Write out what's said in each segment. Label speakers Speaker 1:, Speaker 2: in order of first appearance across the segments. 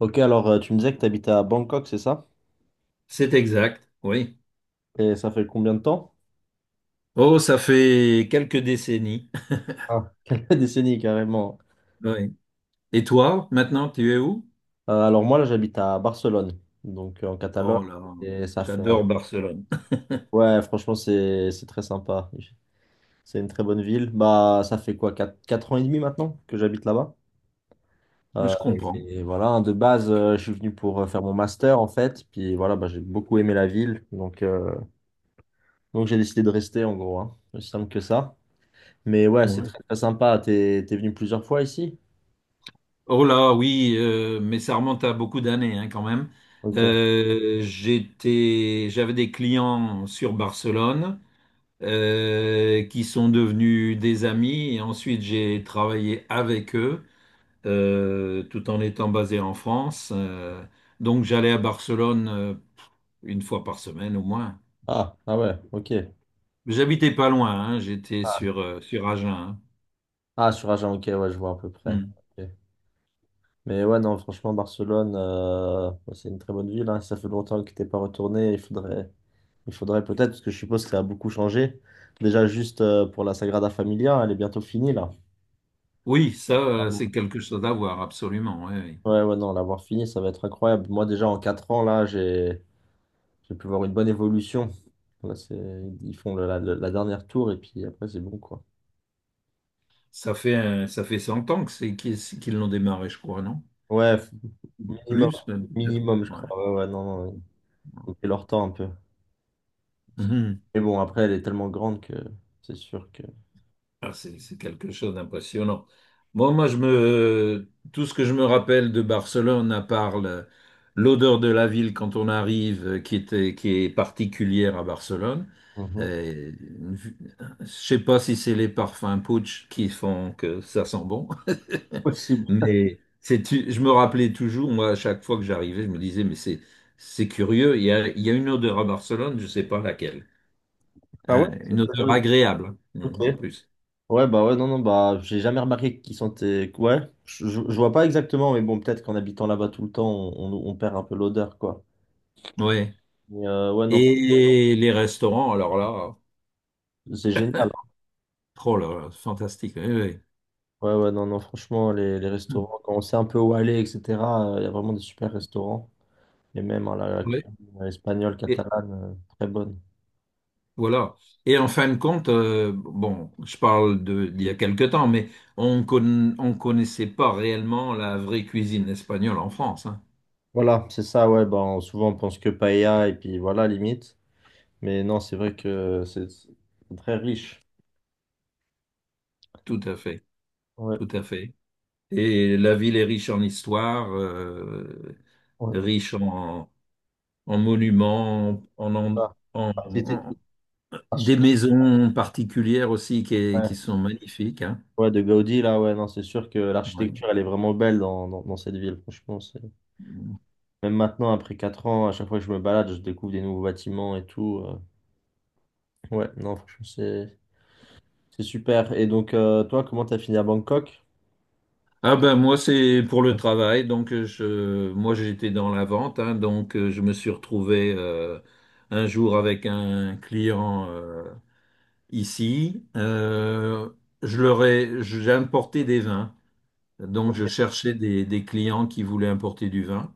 Speaker 1: Ok, alors tu me disais que tu habitais à Bangkok, c'est ça?
Speaker 2: C'est exact, oui.
Speaker 1: Et ça fait combien de temps?
Speaker 2: Oh, ça fait quelques décennies.
Speaker 1: Ah, quelques décennies carrément.
Speaker 2: Oui. Et toi, maintenant, tu es où?
Speaker 1: Alors moi, là, j'habite à Barcelone, donc en Catalogne.
Speaker 2: Oh là,
Speaker 1: Et ça fait...
Speaker 2: j'adore Barcelone.
Speaker 1: Ouais, franchement, c'est très sympa. C'est une très bonne ville. Bah, ça fait quoi, quatre ans et demi maintenant que j'habite là-bas? Euh,
Speaker 2: Je comprends.
Speaker 1: et voilà, hein, de base, je suis venu pour faire mon master, en fait. Puis voilà, bah, j'ai beaucoup aimé la ville. Donc j'ai décidé de rester, en gros, hein. Aussi simple que ça. Mais ouais, c'est
Speaker 2: Ouais.
Speaker 1: très, très sympa. T'es venu plusieurs fois ici?
Speaker 2: Oh là, oui, mais ça remonte à beaucoup d'années, hein, quand même.
Speaker 1: Ok.
Speaker 2: J'avais des clients sur Barcelone qui sont devenus des amis et ensuite j'ai travaillé avec eux, tout en étant basé en France. Donc j'allais à Barcelone une fois par semaine au moins.
Speaker 1: Ah, ah ouais, ok.
Speaker 2: J'habitais pas loin, hein, j'étais
Speaker 1: Ah,
Speaker 2: sur, sur Agen, hein.
Speaker 1: ah, sur Agen, ok, ouais, je vois à peu près.
Speaker 2: Hmm.
Speaker 1: Ok. Mais ouais, non, franchement, Barcelone, ouais, c'est une très bonne ville, hein. Ça fait longtemps que t'es pas retourné. Il faudrait peut-être, parce que je suppose que ça a beaucoup changé. Déjà, juste pour la Sagrada Familia, elle est bientôt finie, là.
Speaker 2: Oui, ça,
Speaker 1: Ah bon.
Speaker 2: c'est quelque chose à voir, absolument, ouais, ouais.
Speaker 1: Ouais, ouais, non, l'avoir finie, ça va être incroyable. Moi, déjà, en 4 ans, là, j'ai pu voir une bonne évolution. Là, c'est, ils font la, la dernière tour, et puis après, c'est bon, quoi.
Speaker 2: Ça fait 100 ans que c'est qu'ils qu'ils l'ont démarré, je crois, non?
Speaker 1: Ouais, minimum,
Speaker 2: Plus, même peut-être.
Speaker 1: minimum, je
Speaker 2: Ouais.
Speaker 1: crois. Ouais, ouais, non, non. Donc, c'est leur temps un peu.
Speaker 2: Mhm.
Speaker 1: Mais bon, après, elle est tellement grande que c'est sûr que.
Speaker 2: Ah, c'est quelque chose d'impressionnant. Bon, moi, tout ce que je me rappelle de Barcelone, à part l'odeur de la ville quand on arrive, qui est particulière à Barcelone,
Speaker 1: Mhm.
Speaker 2: euh, une vue- je sais pas si c'est les parfums Putsch qui font que ça sent bon,
Speaker 1: Possible.
Speaker 2: mais c'est, je me rappelais toujours, moi, à chaque fois que j'arrivais, je me disais, mais c'est curieux, il y a une odeur à Barcelone, je sais pas laquelle.
Speaker 1: Ah ouais?
Speaker 2: Hein, une odeur
Speaker 1: Euh,
Speaker 2: agréable, hein,
Speaker 1: ok.
Speaker 2: en plus.
Speaker 1: Ouais, bah ouais, non, non, bah, j'ai jamais remarqué qui sont tes. Ouais, je vois pas exactement, mais bon, peut-être qu'en habitant là-bas tout le temps, on perd un peu l'odeur, quoi.
Speaker 2: Oui.
Speaker 1: Mais ouais, non,
Speaker 2: Et les restaurants, alors là,
Speaker 1: c'est génial, hein.
Speaker 2: oh là, là, fantastique, oui, oui.
Speaker 1: Ouais, ouais, non, non, franchement, les
Speaker 2: Hmm.
Speaker 1: restaurants, quand on sait un peu où aller, etc., il y a vraiment des super restaurants. Et même hein, la
Speaker 2: Oui,
Speaker 1: cuisine espagnole,
Speaker 2: et
Speaker 1: catalane, très bonne.
Speaker 2: voilà. Et en fin de compte, bon, je parle de d'il y a quelque temps, mais on connaissait pas réellement la vraie cuisine espagnole en France, hein.
Speaker 1: Voilà, c'est ça, ouais, ben, souvent on pense que paella, et puis voilà, limite. Mais non, c'est vrai que c'est très riche.
Speaker 2: Tout à fait,
Speaker 1: Ouais,
Speaker 2: tout à fait. Et la ville est riche en histoire,
Speaker 1: ouais.
Speaker 2: riche en monuments,
Speaker 1: Ah.
Speaker 2: en-
Speaker 1: C'était-
Speaker 2: en- des
Speaker 1: l'architecte-
Speaker 2: maisons particulières aussi
Speaker 1: ouais.
Speaker 2: qui sont magnifiques, hein.
Speaker 1: Ouais, de Gaudi, là, ouais, non, c'est sûr que
Speaker 2: Ouais.
Speaker 1: l'architecture, elle est vraiment belle dans, dans, dans cette ville, franchement. Même maintenant, après 4 ans, à chaque fois que je me balade, je découvre des nouveaux bâtiments et tout, Ouais, non, franchement, c'est super. Et donc, toi, comment t'as fini à Bangkok?
Speaker 2: Ah ben moi c'est pour le travail, donc je moi j'étais dans la vente, hein, donc je me suis retrouvé un jour avec un client ici. Je leur ai J'ai importé des vins, donc je
Speaker 1: Ok.
Speaker 2: cherchais des clients qui voulaient importer du vin,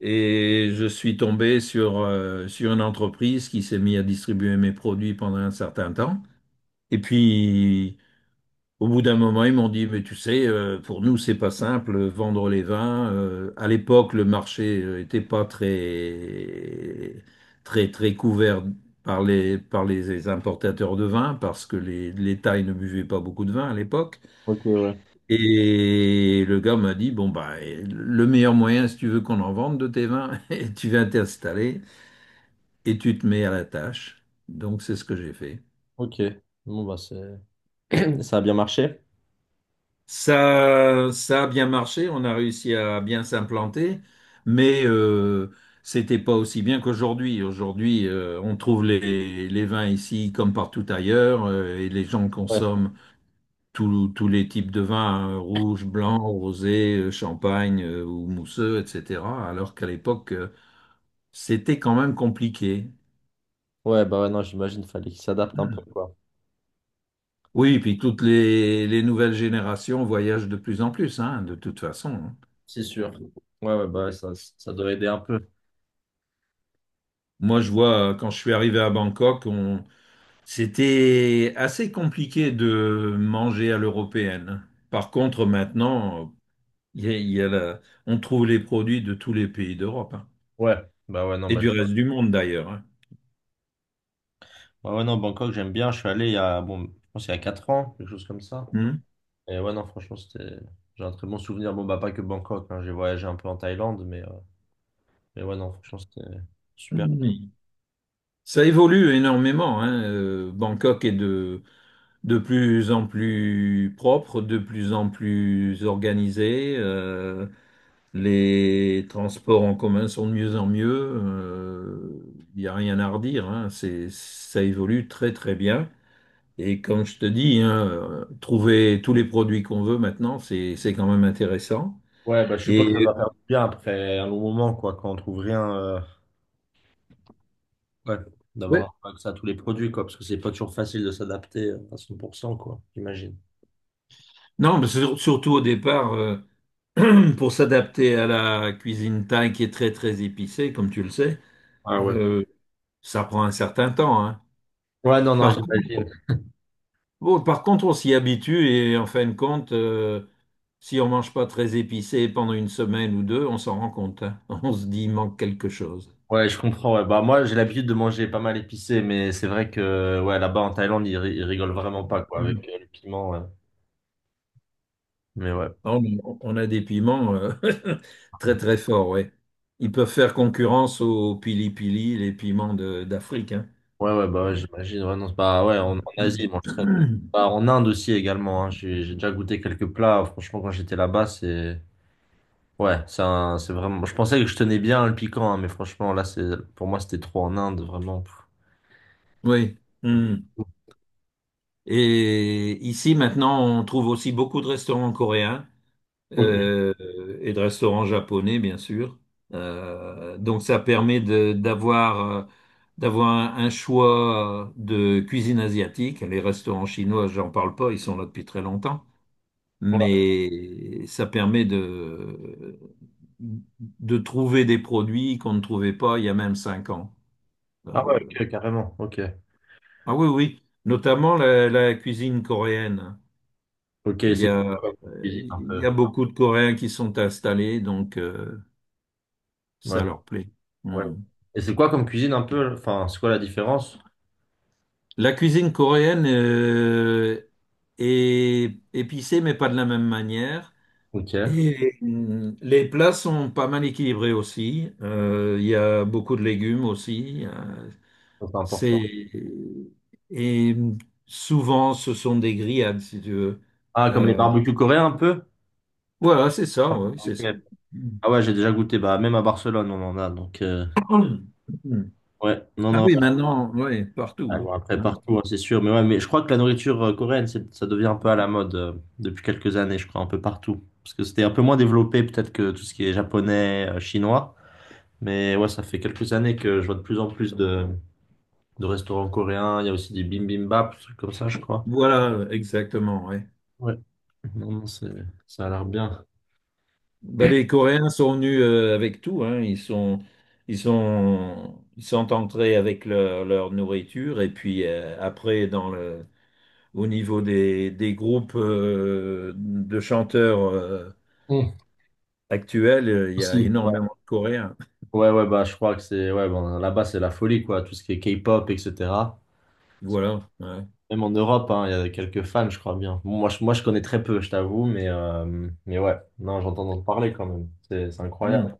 Speaker 2: et je suis tombé sur sur une entreprise qui s'est mise à distribuer mes produits pendant un certain temps, et puis au bout d'un moment, ils m'ont dit, mais tu sais, pour nous, c'est pas simple, vendre les vins. À l'époque, le marché était pas très, très, très couvert par les importateurs de vin, parce que les Thaïs ne buvaient pas beaucoup de vin à l'époque.
Speaker 1: Ok, ouais.
Speaker 2: Et le gars m'a dit, bon, bah, eh, le meilleur moyen, si tu veux qu'on en vende de tes vins, tu viens t'installer et tu te mets à la tâche. Donc, c'est ce que j'ai fait.
Speaker 1: Ok. Bon, bah, c'est... Ça a bien marché?
Speaker 2: Ça a bien marché, on a réussi à bien s'implanter, mais c'était pas aussi bien qu'aujourd'hui. Aujourd'hui, on trouve les vins ici comme partout ailleurs, et les gens
Speaker 1: Ouais.
Speaker 2: consomment tous les types de vins, hein, rouge, blanc, rosé, champagne ou mousseux, etc. Alors qu'à l'époque, c'était quand même compliqué.
Speaker 1: Ouais, bah, ouais, non, j'imagine, fallait qu'il s'adapte un peu, quoi.
Speaker 2: Oui, et puis toutes les nouvelles générations voyagent de plus en plus, hein, de toute façon, hein.
Speaker 1: C'est sûr. Ouais, ouais, bah, ouais, ça doit aider un peu.
Speaker 2: Moi, je vois, quand je suis arrivé à Bangkok, on… c'était assez compliqué de manger à l'européenne, hein. Par contre, maintenant, il y a la- on trouve les produits de tous les pays d'Europe, hein.
Speaker 1: Ouais, bah ouais, non,
Speaker 2: Et
Speaker 1: bah,
Speaker 2: du reste du monde d'ailleurs, hein.
Speaker 1: ouais, ouais, non, Bangkok, j'aime bien. Je suis allé il y a, bon, je pense il y a 4 ans, quelque chose comme ça.
Speaker 2: Hmm.
Speaker 1: Et ouais, non, franchement, c'était, j'ai un très bon souvenir. Bon, bah, pas que Bangkok, hein. J'ai voyagé un peu en Thaïlande, mais ouais, non, franchement, c'était super.
Speaker 2: Mhm. Ça évolue énormément, hein. Bangkok est de plus en plus propre, de plus en plus organisé. Les transports en commun sont de mieux en mieux. Il n'y a rien à redire, hein. C'est, ça évolue très très bien. Et comme je te dis, hein, trouver tous les produits qu'on veut maintenant, c'est quand même intéressant.
Speaker 1: Ouais, bah, je suppose que ça
Speaker 2: Et
Speaker 1: va faire du bien après un long moment, quoi, quand on trouve rien, ouais,
Speaker 2: ouais,
Speaker 1: d'avoir un accès à tous les produits, quoi, parce que c'est pas toujours facile de s'adapter à 100%, quoi, j'imagine.
Speaker 2: non, mais surtout au départ, pour s'adapter à la cuisine thaï qui est très très épicée, comme tu le sais,
Speaker 1: Ah ouais.
Speaker 2: euh, ça prend un certain temps, hein.
Speaker 1: Ouais, non, non,
Speaker 2: Par
Speaker 1: j'imagine.
Speaker 2: contre, bon, par contre, on s'y habitue et en fin de compte, si on mange pas très épicé pendant une semaine ou deux, on s'en rend compte, hein. On se dit, il manque quelque chose.
Speaker 1: Ouais, je comprends. Ouais. Bah, moi, j'ai l'habitude de manger pas mal épicé, mais c'est vrai que ouais, là-bas en Thaïlande, ils, ils rigolent vraiment pas quoi, avec
Speaker 2: Mhm.
Speaker 1: le piment, ouais. Mais ouais.
Speaker 2: Ah, on a des piments très très forts, ouais. Ils peuvent faire concurrence aux pili-pili, les piments d'Afrique, hein.
Speaker 1: Ouais, ouais, bah ouais, j'imagine. Ouais, non, c'est pas... ouais, en, en Asie, ils mangent très peu.
Speaker 2: Mhm.
Speaker 1: Bah, en Inde aussi également, hein. J'ai déjà goûté quelques plats. Franchement, quand j'étais là-bas, c'est. Ouais, c'est vraiment. Je pensais que je tenais bien le piquant, hein, mais franchement, là, c'est pour moi, c'était trop en Inde, vraiment.
Speaker 2: Oui. Hmm. Et ici, maintenant, on trouve aussi beaucoup de restaurants coréens,
Speaker 1: Ok.
Speaker 2: euh, et de restaurants japonais, bien sûr. Donc ça permet d'avoir un choix de cuisine asiatique. Les restaurants chinois, j'en parle pas, ils sont là depuis très longtemps.
Speaker 1: Ouais.
Speaker 2: Mais ça permet de trouver des produits qu'on ne trouvait pas il y a même 5 ans. Euh,
Speaker 1: Ah ouais, ok, carrément. Ok.
Speaker 2: ah oui, oui, notamment la, la cuisine coréenne.
Speaker 1: Ok, c'est quoi comme cuisine un
Speaker 2: Il y
Speaker 1: peu?
Speaker 2: a beaucoup de Coréens qui sont installés, donc
Speaker 1: Ouais.
Speaker 2: ça leur plaît.
Speaker 1: Ouais.
Speaker 2: Hmm.
Speaker 1: Et c'est quoi comme cuisine un peu? Enfin, c'est quoi la différence?
Speaker 2: La cuisine coréenne est épicée, mais pas de la même manière.
Speaker 1: Ok, ça,
Speaker 2: Et hmm, les plats sont pas mal équilibrés aussi. Il y a beaucoup de légumes aussi.
Speaker 1: c'est important.
Speaker 2: C'est et Souvent ce sont des grillades, si tu veux.
Speaker 1: Ah, comme les
Speaker 2: Euh,
Speaker 1: barbecues coréens un peu?
Speaker 2: voilà, c'est ça.
Speaker 1: Ah
Speaker 2: Oui, c'est
Speaker 1: ok.
Speaker 2: ça.
Speaker 1: Ah ouais, j'ai déjà goûté. Bah, même à Barcelone, on en a. Donc,
Speaker 2: Hmm.
Speaker 1: ouais, non,
Speaker 2: Ah
Speaker 1: non.
Speaker 2: oui, maintenant, oui, partout,
Speaker 1: Ah,
Speaker 2: oui.
Speaker 1: bon, après,
Speaker 2: Hein.
Speaker 1: partout, hein, c'est sûr. Mais ouais, mais je crois que la nourriture coréenne, ça devient un peu à la mode depuis quelques années, je crois, un peu partout. Parce que c'était un peu moins développé, peut-être, que tout ce qui est japonais, chinois. Mais ouais, ça fait quelques années que je vois de plus en plus de restaurants coréens. Il y a aussi des bibimbap, des trucs comme ça, je crois.
Speaker 2: Voilà, exactement, oui.
Speaker 1: Ouais. Non, non, c'est, ça a l'air bien.
Speaker 2: Bah, les Coréens sont venus avec tout, hein. Ils sont entrés avec leur, leur nourriture, et puis au niveau des groupes de chanteurs
Speaker 1: Hum,
Speaker 2: actuels, il y a
Speaker 1: Merci. Ouais,
Speaker 2: énormément de Coréens.
Speaker 1: ouais, ouais, bah, je crois que c'est, ouais, bon, là-bas, c'est la folie, quoi, tout ce qui est K-pop, etc.
Speaker 2: Voilà, ouais.
Speaker 1: Même en Europe, hein, il y a quelques fans, je crois bien. Bon, moi, je connais très peu, je t'avoue, mais ouais, non, j'entends en parler quand même. C'est incroyable.
Speaker 2: Hmm.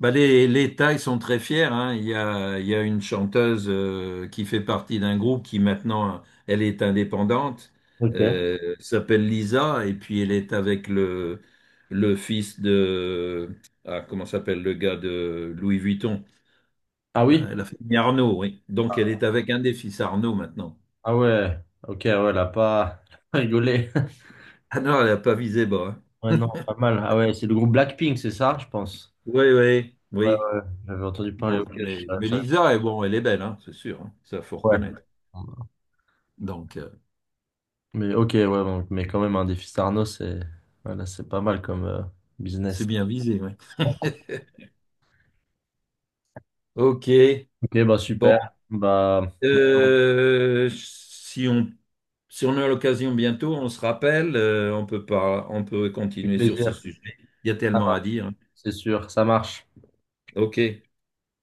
Speaker 2: Bah, les Thaïs sont très fiers, hein. Il y a une chanteuse qui fait partie d'un groupe, qui maintenant, elle est indépendante,
Speaker 1: Ok.
Speaker 2: s'appelle Lisa, et puis elle est avec le fils de… Ah, comment s'appelle le gars de Louis Vuitton?
Speaker 1: Ah oui?
Speaker 2: La famille Arnaud, oui. Donc elle est avec un des fils Arnaud maintenant.
Speaker 1: Ah ouais, ok, ouais, là, pas rigolé.
Speaker 2: Ah non, elle n'a pas visé bas, hein.
Speaker 1: Ouais, non, pas mal. Ah ouais, c'est le groupe Blackpink, c'est ça, je pense.
Speaker 2: Oui, oui,
Speaker 1: Ouais,
Speaker 2: oui.
Speaker 1: ouais, j'avais entendu parler,
Speaker 2: Donc,
Speaker 1: ok,
Speaker 2: mais Lisa, eh bon, elle est belle, hein, c'est sûr, hein. Ça, faut
Speaker 1: ouais.
Speaker 2: reconnaître. Donc,
Speaker 1: Mais ok, ouais, donc- mais quand même, un défi Starno, c'est voilà, c'est pas mal comme
Speaker 2: c'est
Speaker 1: business.
Speaker 2: bien visé, oui. Ok,
Speaker 1: Ok, bah
Speaker 2: bon,
Speaker 1: super. Bah,
Speaker 2: si on, si on a l'occasion bientôt, on se rappelle, on peut pas, on peut
Speaker 1: avec
Speaker 2: continuer sur ce
Speaker 1: plaisir.
Speaker 2: sujet. Il y a
Speaker 1: Ça
Speaker 2: tellement à
Speaker 1: marche,
Speaker 2: dire.
Speaker 1: c'est sûr, ça marche.
Speaker 2: Ok.